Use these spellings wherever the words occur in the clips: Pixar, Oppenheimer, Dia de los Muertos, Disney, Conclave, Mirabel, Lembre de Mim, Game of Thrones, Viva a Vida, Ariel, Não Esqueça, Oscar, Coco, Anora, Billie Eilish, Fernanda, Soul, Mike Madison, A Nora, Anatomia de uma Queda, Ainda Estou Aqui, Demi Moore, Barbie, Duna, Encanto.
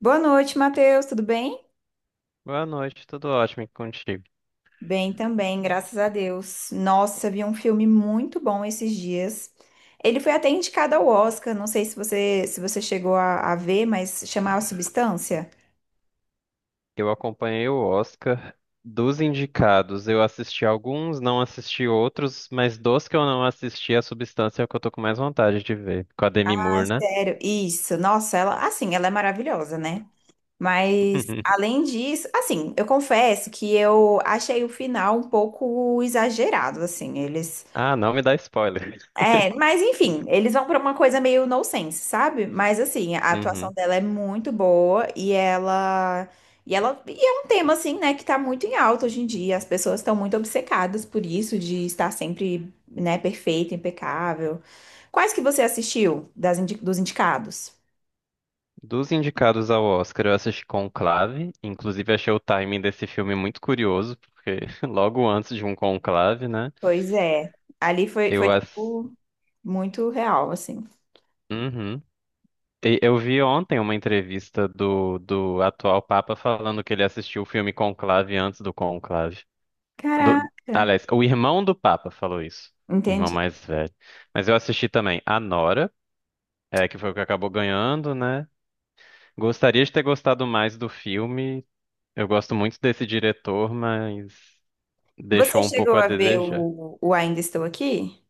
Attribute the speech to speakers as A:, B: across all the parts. A: Boa noite, Matheus, tudo bem?
B: Boa noite, tudo ótimo e contigo.
A: Bem também, graças a Deus. Nossa, vi um filme muito bom esses dias. Ele foi até indicado ao Oscar, não sei se você chegou a ver, mas chamava Substância.
B: Eu acompanhei o Oscar dos indicados. Eu assisti alguns, não assisti outros, mas dos que eu não assisti, a substância é o que eu tô com mais vontade de ver. Com a Demi Moore, né?
A: Sério, isso. Nossa, ela, assim, ela é maravilhosa, né? Mas além disso, assim, eu confesso que eu achei o final um pouco exagerado, assim. Eles
B: Ah, não me dá spoiler.
A: É, mas enfim, eles vão pra uma coisa meio nonsense, sabe? Mas assim, a atuação
B: Uhum.
A: dela é muito boa e ela e é um tema assim, né, que tá muito em alta hoje em dia. As pessoas estão muito obcecadas por isso de estar sempre, né, perfeita, impecável. Quais que você assistiu dos indicados?
B: Dos indicados ao Oscar, eu assisti Conclave. Inclusive, achei o timing desse filme muito curioso, porque logo antes de um conclave, né?
A: Pois é, ali foi
B: Eu
A: foi
B: assisti.
A: tipo muito real assim.
B: Eu vi ontem uma entrevista do atual Papa falando que ele assistiu o filme Conclave antes do Conclave. Do,
A: Caraca,
B: aliás, o irmão do Papa falou isso, irmão
A: entendi.
B: mais velho. Mas eu assisti também A Nora, é, que foi o que acabou ganhando, né? Gostaria de ter gostado mais do filme. Eu gosto muito desse diretor, mas
A: Você
B: deixou um pouco
A: chegou
B: a
A: a ver
B: desejar.
A: o Ainda Estou Aqui?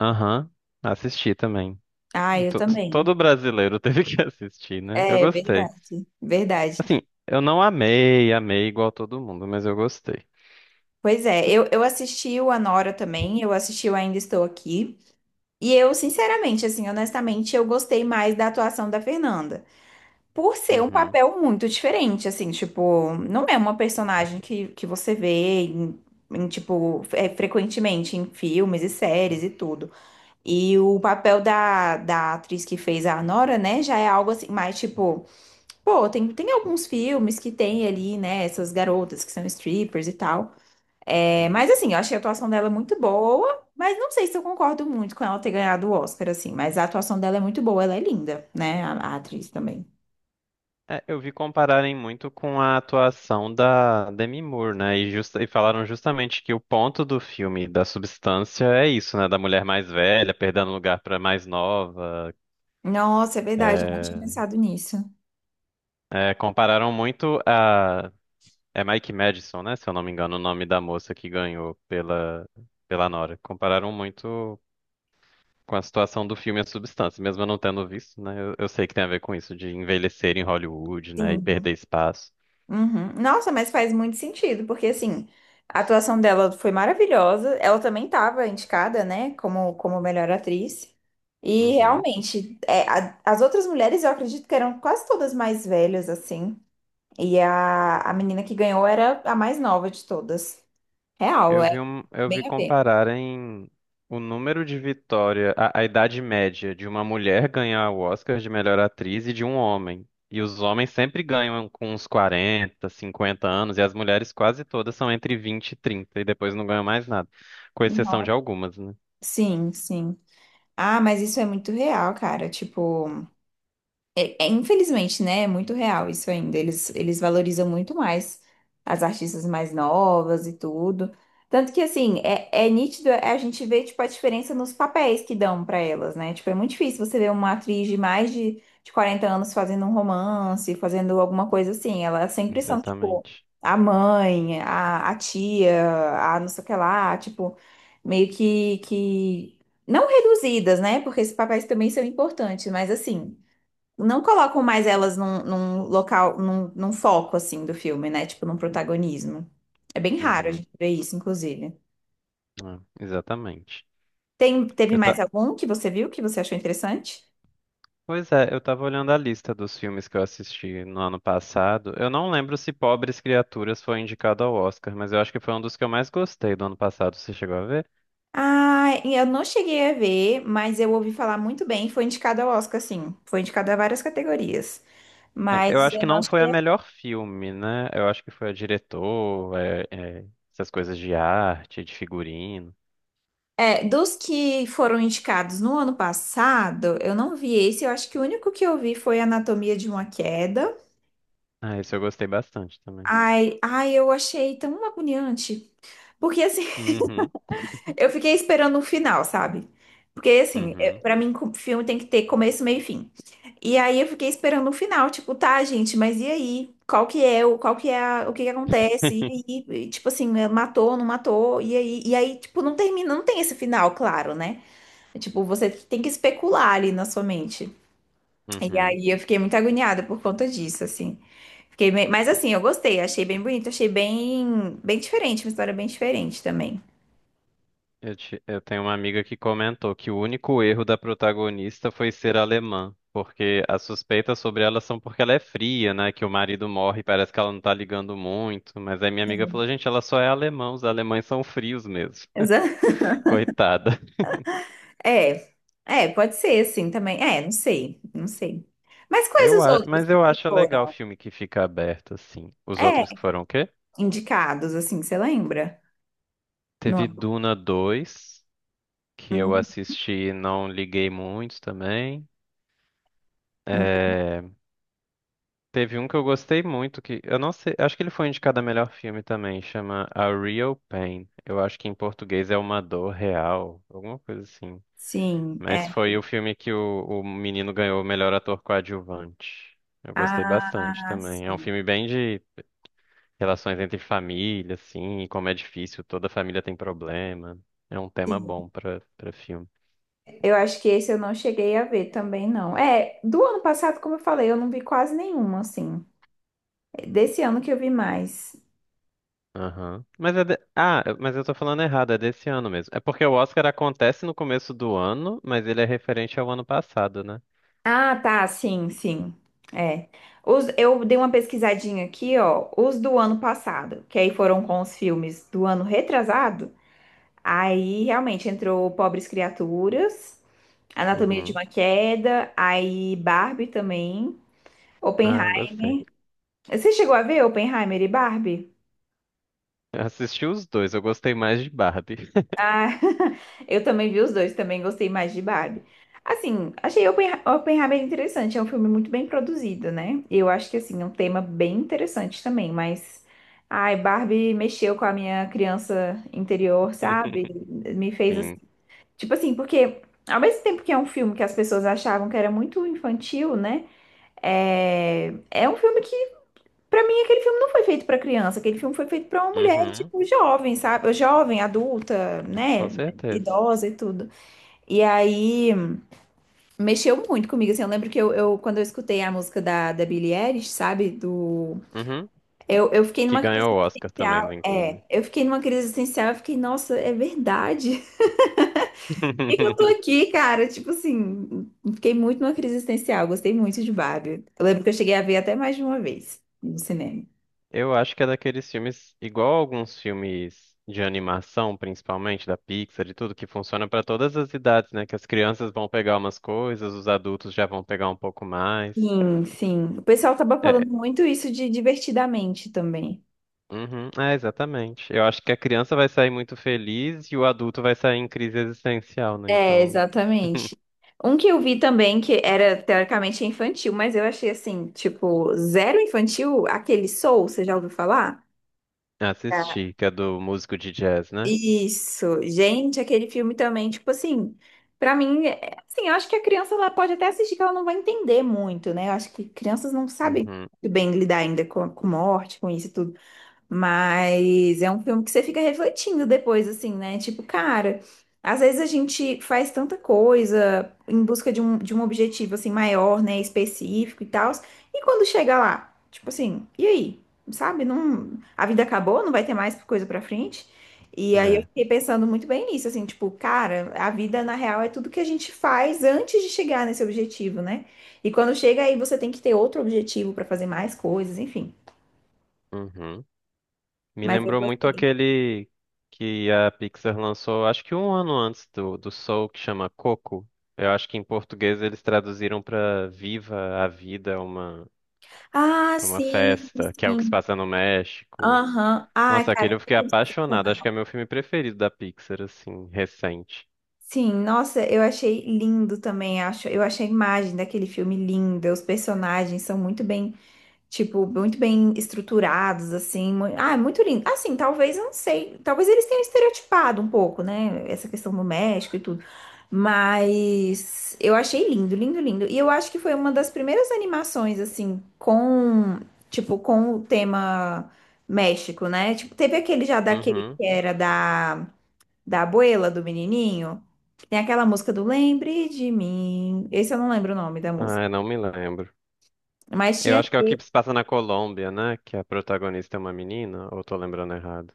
B: Aham, assisti também.
A: Ah, eu
B: To-
A: também.
B: Todo brasileiro teve que assistir, né? Eu
A: É
B: gostei.
A: verdade, verdade.
B: Assim, eu não amei, amei igual todo mundo, mas eu gostei.
A: Pois é, eu assisti o Anora também, eu assisti o Ainda Estou Aqui, e eu, sinceramente, assim, honestamente, eu gostei mais da atuação da Fernanda. Por ser um
B: Uhum.
A: papel muito diferente, assim, tipo, não é uma personagem que você vê em, tipo, frequentemente em filmes e séries e tudo. E o papel da atriz que fez a Anora, né, já é algo assim, mais tipo. Pô, tem alguns filmes que tem ali, né, essas garotas que são strippers e tal. É, mas
B: Uhum.
A: assim, eu achei a atuação dela muito boa, mas não sei se eu concordo muito com ela ter ganhado o Oscar, assim, mas a atuação dela é muito boa, ela é linda, né? A atriz também.
B: É, eu vi compararem muito com a atuação da Demi Moore, né? E, e falaram justamente que o ponto do filme, da substância, é isso, né? Da mulher mais velha perdendo lugar pra mais nova.
A: Nossa, é verdade, eu não tinha
B: É,
A: pensado nisso.
B: compararam muito a. É Mike Madison, né? Se eu não me engano, o nome da moça que ganhou pela, pela Nora. Compararam muito. Com a situação do filme a substância. Mesmo eu não tendo visto, né? Eu sei que tem a ver com isso, de envelhecer em Hollywood, né? E
A: Sim.
B: perder espaço.
A: Uhum. Nossa, mas faz muito sentido, porque assim, a atuação dela foi maravilhosa. Ela também estava indicada, né, como, como melhor atriz. E
B: Uhum.
A: realmente, as outras mulheres eu acredito que eram quase todas mais velhas, assim. E a menina que ganhou era a mais nova de todas. Real,
B: Eu
A: é
B: vi um, eu vi
A: bem a ver.
B: compararem o número de vitória, a idade média de uma mulher ganhar o Oscar de melhor atriz e de um homem. E os homens sempre ganham com uns 40 50 anos, e as mulheres quase todas são entre 20 e 30 e depois não ganham mais nada. Com exceção
A: Uhum.
B: de algumas, né?
A: Sim, sim. Ah, mas isso é muito real, cara. Tipo. É, é, infelizmente, né? É muito real isso ainda. Eles valorizam muito mais as artistas mais novas e tudo. Tanto que, assim, é, é nítido é, a gente vê tipo, a diferença nos papéis que dão pra elas, né? Tipo, é muito difícil você ver uma atriz de mais de 40 anos fazendo um romance, fazendo alguma coisa assim. Elas sempre são, tipo,
B: Exatamente.
A: a mãe, a tia, a não sei o que lá, tipo, meio que... Não reduzidas, né? Porque esses papéis também são importantes, mas assim não colocam mais elas num, num local, num foco assim do filme, né? Tipo, num protagonismo. É bem raro a
B: Uhum.
A: gente ver isso, inclusive.
B: É, exatamente.
A: Teve
B: Eu,
A: mais
B: ta-
A: algum que você viu que você achou interessante?
B: Pois é, eu tava olhando a lista dos filmes que eu assisti no ano passado. Eu não lembro se Pobres Criaturas foi indicado ao Oscar, mas eu acho que foi um dos que eu mais gostei do ano passado. Você chegou a ver?
A: Ah, eu não cheguei a ver, mas eu ouvi falar muito bem. Foi indicado ao Oscar, sim. Foi indicado a várias categorias.
B: É, eu
A: Mas
B: acho
A: eu
B: que
A: não
B: não foi a
A: cheguei a...
B: melhor filme, né? Eu acho que foi a diretor, essas coisas de arte, de figurino.
A: É, dos que foram indicados no ano passado, eu não vi esse. Eu acho que o único que eu vi foi Anatomia de uma Queda.
B: Ah, esse eu gostei bastante também.
A: Ai, ai, eu achei tão agoniante. Porque assim,
B: Uhum,
A: eu fiquei esperando o final, sabe? Porque assim,
B: uhum,
A: pra mim, filme tem que ter começo, meio e fim. E aí eu fiquei esperando o final, tipo, tá, gente, mas e aí? Qual que é o, qual que é a- o que que acontece? E aí, tipo assim, matou, não matou? E aí, tipo, não termina, não tem esse final, claro, né? É, tipo, você tem que especular ali na sua mente. E
B: uhum.
A: aí eu fiquei muito agoniada por conta disso, assim. Fiquei bem... Mas assim, eu gostei, achei bem bonito, achei bem, bem diferente, uma história bem diferente também.
B: Eu tenho uma amiga que comentou que o único erro da protagonista foi ser alemã, porque as suspeitas sobre ela são porque ela é fria, né? Que o marido morre e parece que ela não tá ligando muito. Mas aí minha amiga falou, gente, ela só é alemã, os alemães são frios mesmo. Coitada.
A: É, é, pode ser assim também. É, não sei, não sei. Mas quais os outros
B: Mas eu
A: que
B: acho legal o
A: foram,
B: filme que fica aberto, assim. Os
A: é,
B: outros que foram o quê?
A: indicados, assim, você lembra?
B: Teve
A: No...
B: Duna dois, que eu
A: Hum,
B: assisti e não liguei muito também.
A: hum.
B: É, teve um que eu gostei muito, que eu não sei, acho que ele foi indicado a melhor filme também, chama A Real Pain. Eu acho que em português é Uma Dor Real, alguma coisa assim.
A: Sim,
B: Mas
A: é.
B: foi o filme que o menino ganhou o melhor ator coadjuvante. Eu gostei bastante
A: Ah,
B: também. É um
A: sim,
B: filme bem de relações entre família, assim, e como é difícil, toda família tem problema. É um tema
A: sim.
B: bom pra para filme.
A: Eu acho que esse eu não cheguei a ver também, não. É, do ano passado, como eu falei, eu não vi quase nenhuma, assim. Desse ano que eu vi mais.
B: Aham. Mas é de... mas eu tô falando errado, é desse ano mesmo. É porque o Oscar acontece no começo do ano, mas ele é referente ao ano passado, né?
A: Ah, tá, sim, sim. É. Os, eu dei uma pesquisadinha aqui, ó, os do ano passado, que aí foram com os filmes do ano retrasado. Aí realmente entrou Pobres Criaturas, Anatomia de
B: Uhum.
A: uma Queda, aí Barbie também,
B: Ah, eu
A: Oppenheimer.
B: gostei.
A: Você chegou a ver Oppenheimer e Barbie?
B: Eu assisti os dois, eu gostei mais de Barbie.
A: Ah, eu também vi os dois, também gostei mais de Barbie. Assim, achei Oppenheimer interessante, é um filme muito bem produzido, né? E eu acho que, assim, é um tema bem interessante também, mas... Ai, Barbie mexeu com a minha criança interior, sabe? Me fez, assim...
B: Sim.
A: Tipo assim, porque ao mesmo tempo que é um filme que as pessoas achavam que era muito infantil, né? É um filme que... Pra mim, aquele filme não foi feito pra criança, aquele filme foi feito pra uma mulher,
B: Uhum.
A: tipo, jovem, sabe? Jovem, adulta,
B: Com
A: né?
B: certeza.
A: Idosa e tudo. E aí, mexeu muito comigo, assim, eu lembro que quando eu escutei a música da Billie Eilish, sabe? Do...
B: Uhum.
A: Eu fiquei
B: Que
A: numa crise
B: ganhou o Oscar também, né,
A: existencial,
B: inclusive.
A: eu fiquei numa crise existencial, eu fiquei, nossa, é verdade? Por que que eu tô aqui, cara? Tipo assim, fiquei muito numa crise existencial, gostei muito de Barbie. Eu lembro que eu cheguei a ver até mais de uma vez no cinema.
B: Eu acho que é daqueles filmes, igual alguns filmes de animação, principalmente da Pixar e tudo, que funciona pra todas as idades, né? Que as crianças vão pegar umas coisas, os adultos já vão pegar um pouco mais.
A: Sim, sim. O pessoal tava
B: É,
A: falando muito isso de divertidamente também.
B: uhum, é, exatamente. Eu acho que a criança vai sair muito feliz e o adulto vai sair em crise existencial, né?
A: É,
B: Então,
A: exatamente. Um que eu vi também, que era teoricamente infantil, mas eu achei assim, tipo, zero infantil, aquele Soul, você já ouviu falar? Já.
B: assisti, que é do músico de jazz, né?
A: Isso, gente, aquele filme também, tipo assim, pra mim, assim, eu acho que a criança ela pode até assistir que ela não vai entender muito, né? Eu acho que crianças não sabem
B: Uhum,
A: muito bem lidar ainda com morte, com isso tudo. Mas é um filme que você fica refletindo depois, assim, né? Tipo, cara, às vezes a gente faz tanta coisa em busca de um objetivo, assim, maior, né? Específico e tal. E quando chega lá, tipo assim, e aí? Sabe? Não, a vida acabou, não vai ter mais coisa pra frente. E aí eu
B: é.
A: fiquei pensando muito bem nisso, assim, tipo, cara, a vida na real é tudo que a gente faz antes de chegar nesse objetivo, né? E quando chega aí, você tem que ter outro objetivo pra fazer mais coisas, enfim.
B: Uhum. Me
A: Mas eu
B: lembrou muito
A: gostei.
B: aquele que a Pixar lançou, acho que um ano antes do Soul, que chama Coco. Eu acho que em português eles traduziram pra Viva a Vida, é uma,
A: Ah,
B: é uma
A: sim,
B: festa, que é o que se
A: sim.
B: passa no México.
A: Aham. Ai,
B: Nossa,
A: cara,
B: aquele eu
A: que
B: fiquei
A: filme
B: apaixonado. Acho que
A: sensacional.
B: é meu filme preferido da Pixar, assim, recente.
A: Sim, nossa, eu achei lindo também, acho. Eu achei a imagem daquele filme linda. Os personagens são muito bem... Tipo, muito bem estruturados, assim. Ah, é muito lindo. Assim, talvez, eu não sei. Talvez eles tenham estereotipado um pouco, né? Essa questão do México e tudo. Mas eu achei lindo, lindo, lindo. E eu acho que foi uma das primeiras animações, assim, com, tipo, com o tema México, né? Tipo, teve aquele já daquele
B: Uhum.
A: que era da abuela, do menininho. Tem aquela música do Lembre de Mim. Esse eu não lembro o nome da
B: Ah,
A: música.
B: eu não me lembro.
A: Mas
B: Eu
A: tinha.
B: acho que é o que se passa na Colômbia, né? Que a protagonista é uma menina, ou tô lembrando errado.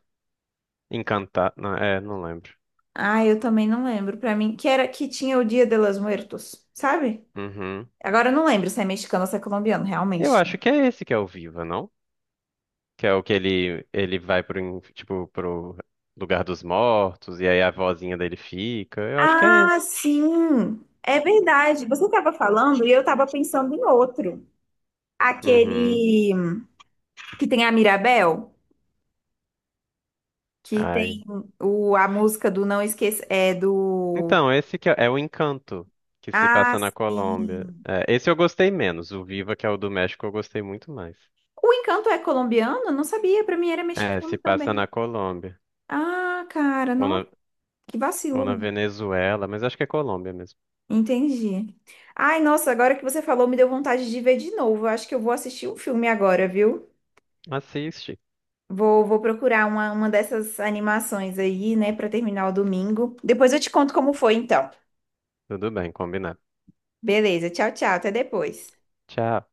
B: Encantada. Não, é, não lembro.
A: Ah, eu também não lembro. Pra mim, que era que tinha o Dia de los Muertos, sabe?
B: Uhum.
A: Agora eu não lembro se é mexicano ou se é colombiano,
B: Eu
A: realmente.
B: acho que é esse que é o Viva, não? Que é o que ele vai pro, tipo, pro lugar dos mortos e aí a vozinha dele fica. Eu acho que é
A: Ah,
B: esse.
A: sim! É verdade. Você estava falando e eu estava pensando em outro.
B: Uhum.
A: Aquele que tem a Mirabel, que
B: Ai.
A: tem o, a música do Não Esqueça, é do...
B: Então, esse que é, é o Encanto que se
A: Ah,
B: passa na Colômbia.
A: sim!
B: É, esse eu gostei menos. O Viva, que é o do México, eu gostei muito mais.
A: O Encanto é colombiano? Não sabia, pra mim era
B: É, se
A: mexicano
B: passa
A: também.
B: na Colômbia.
A: Ah, cara,
B: Ou na,
A: nossa, que
B: ou
A: vacilo.
B: na Venezuela, mas acho que é Colômbia mesmo.
A: Entendi. Ai, nossa, agora que você falou, me deu vontade de ver de novo. Eu acho que eu vou assistir um filme agora, viu?
B: Assiste.
A: Vou, vou procurar uma dessas animações aí, né, pra terminar o domingo. Depois eu te conto como foi, então.
B: Tudo bem, combinado.
A: Beleza, tchau, tchau, até depois.
B: Tchau.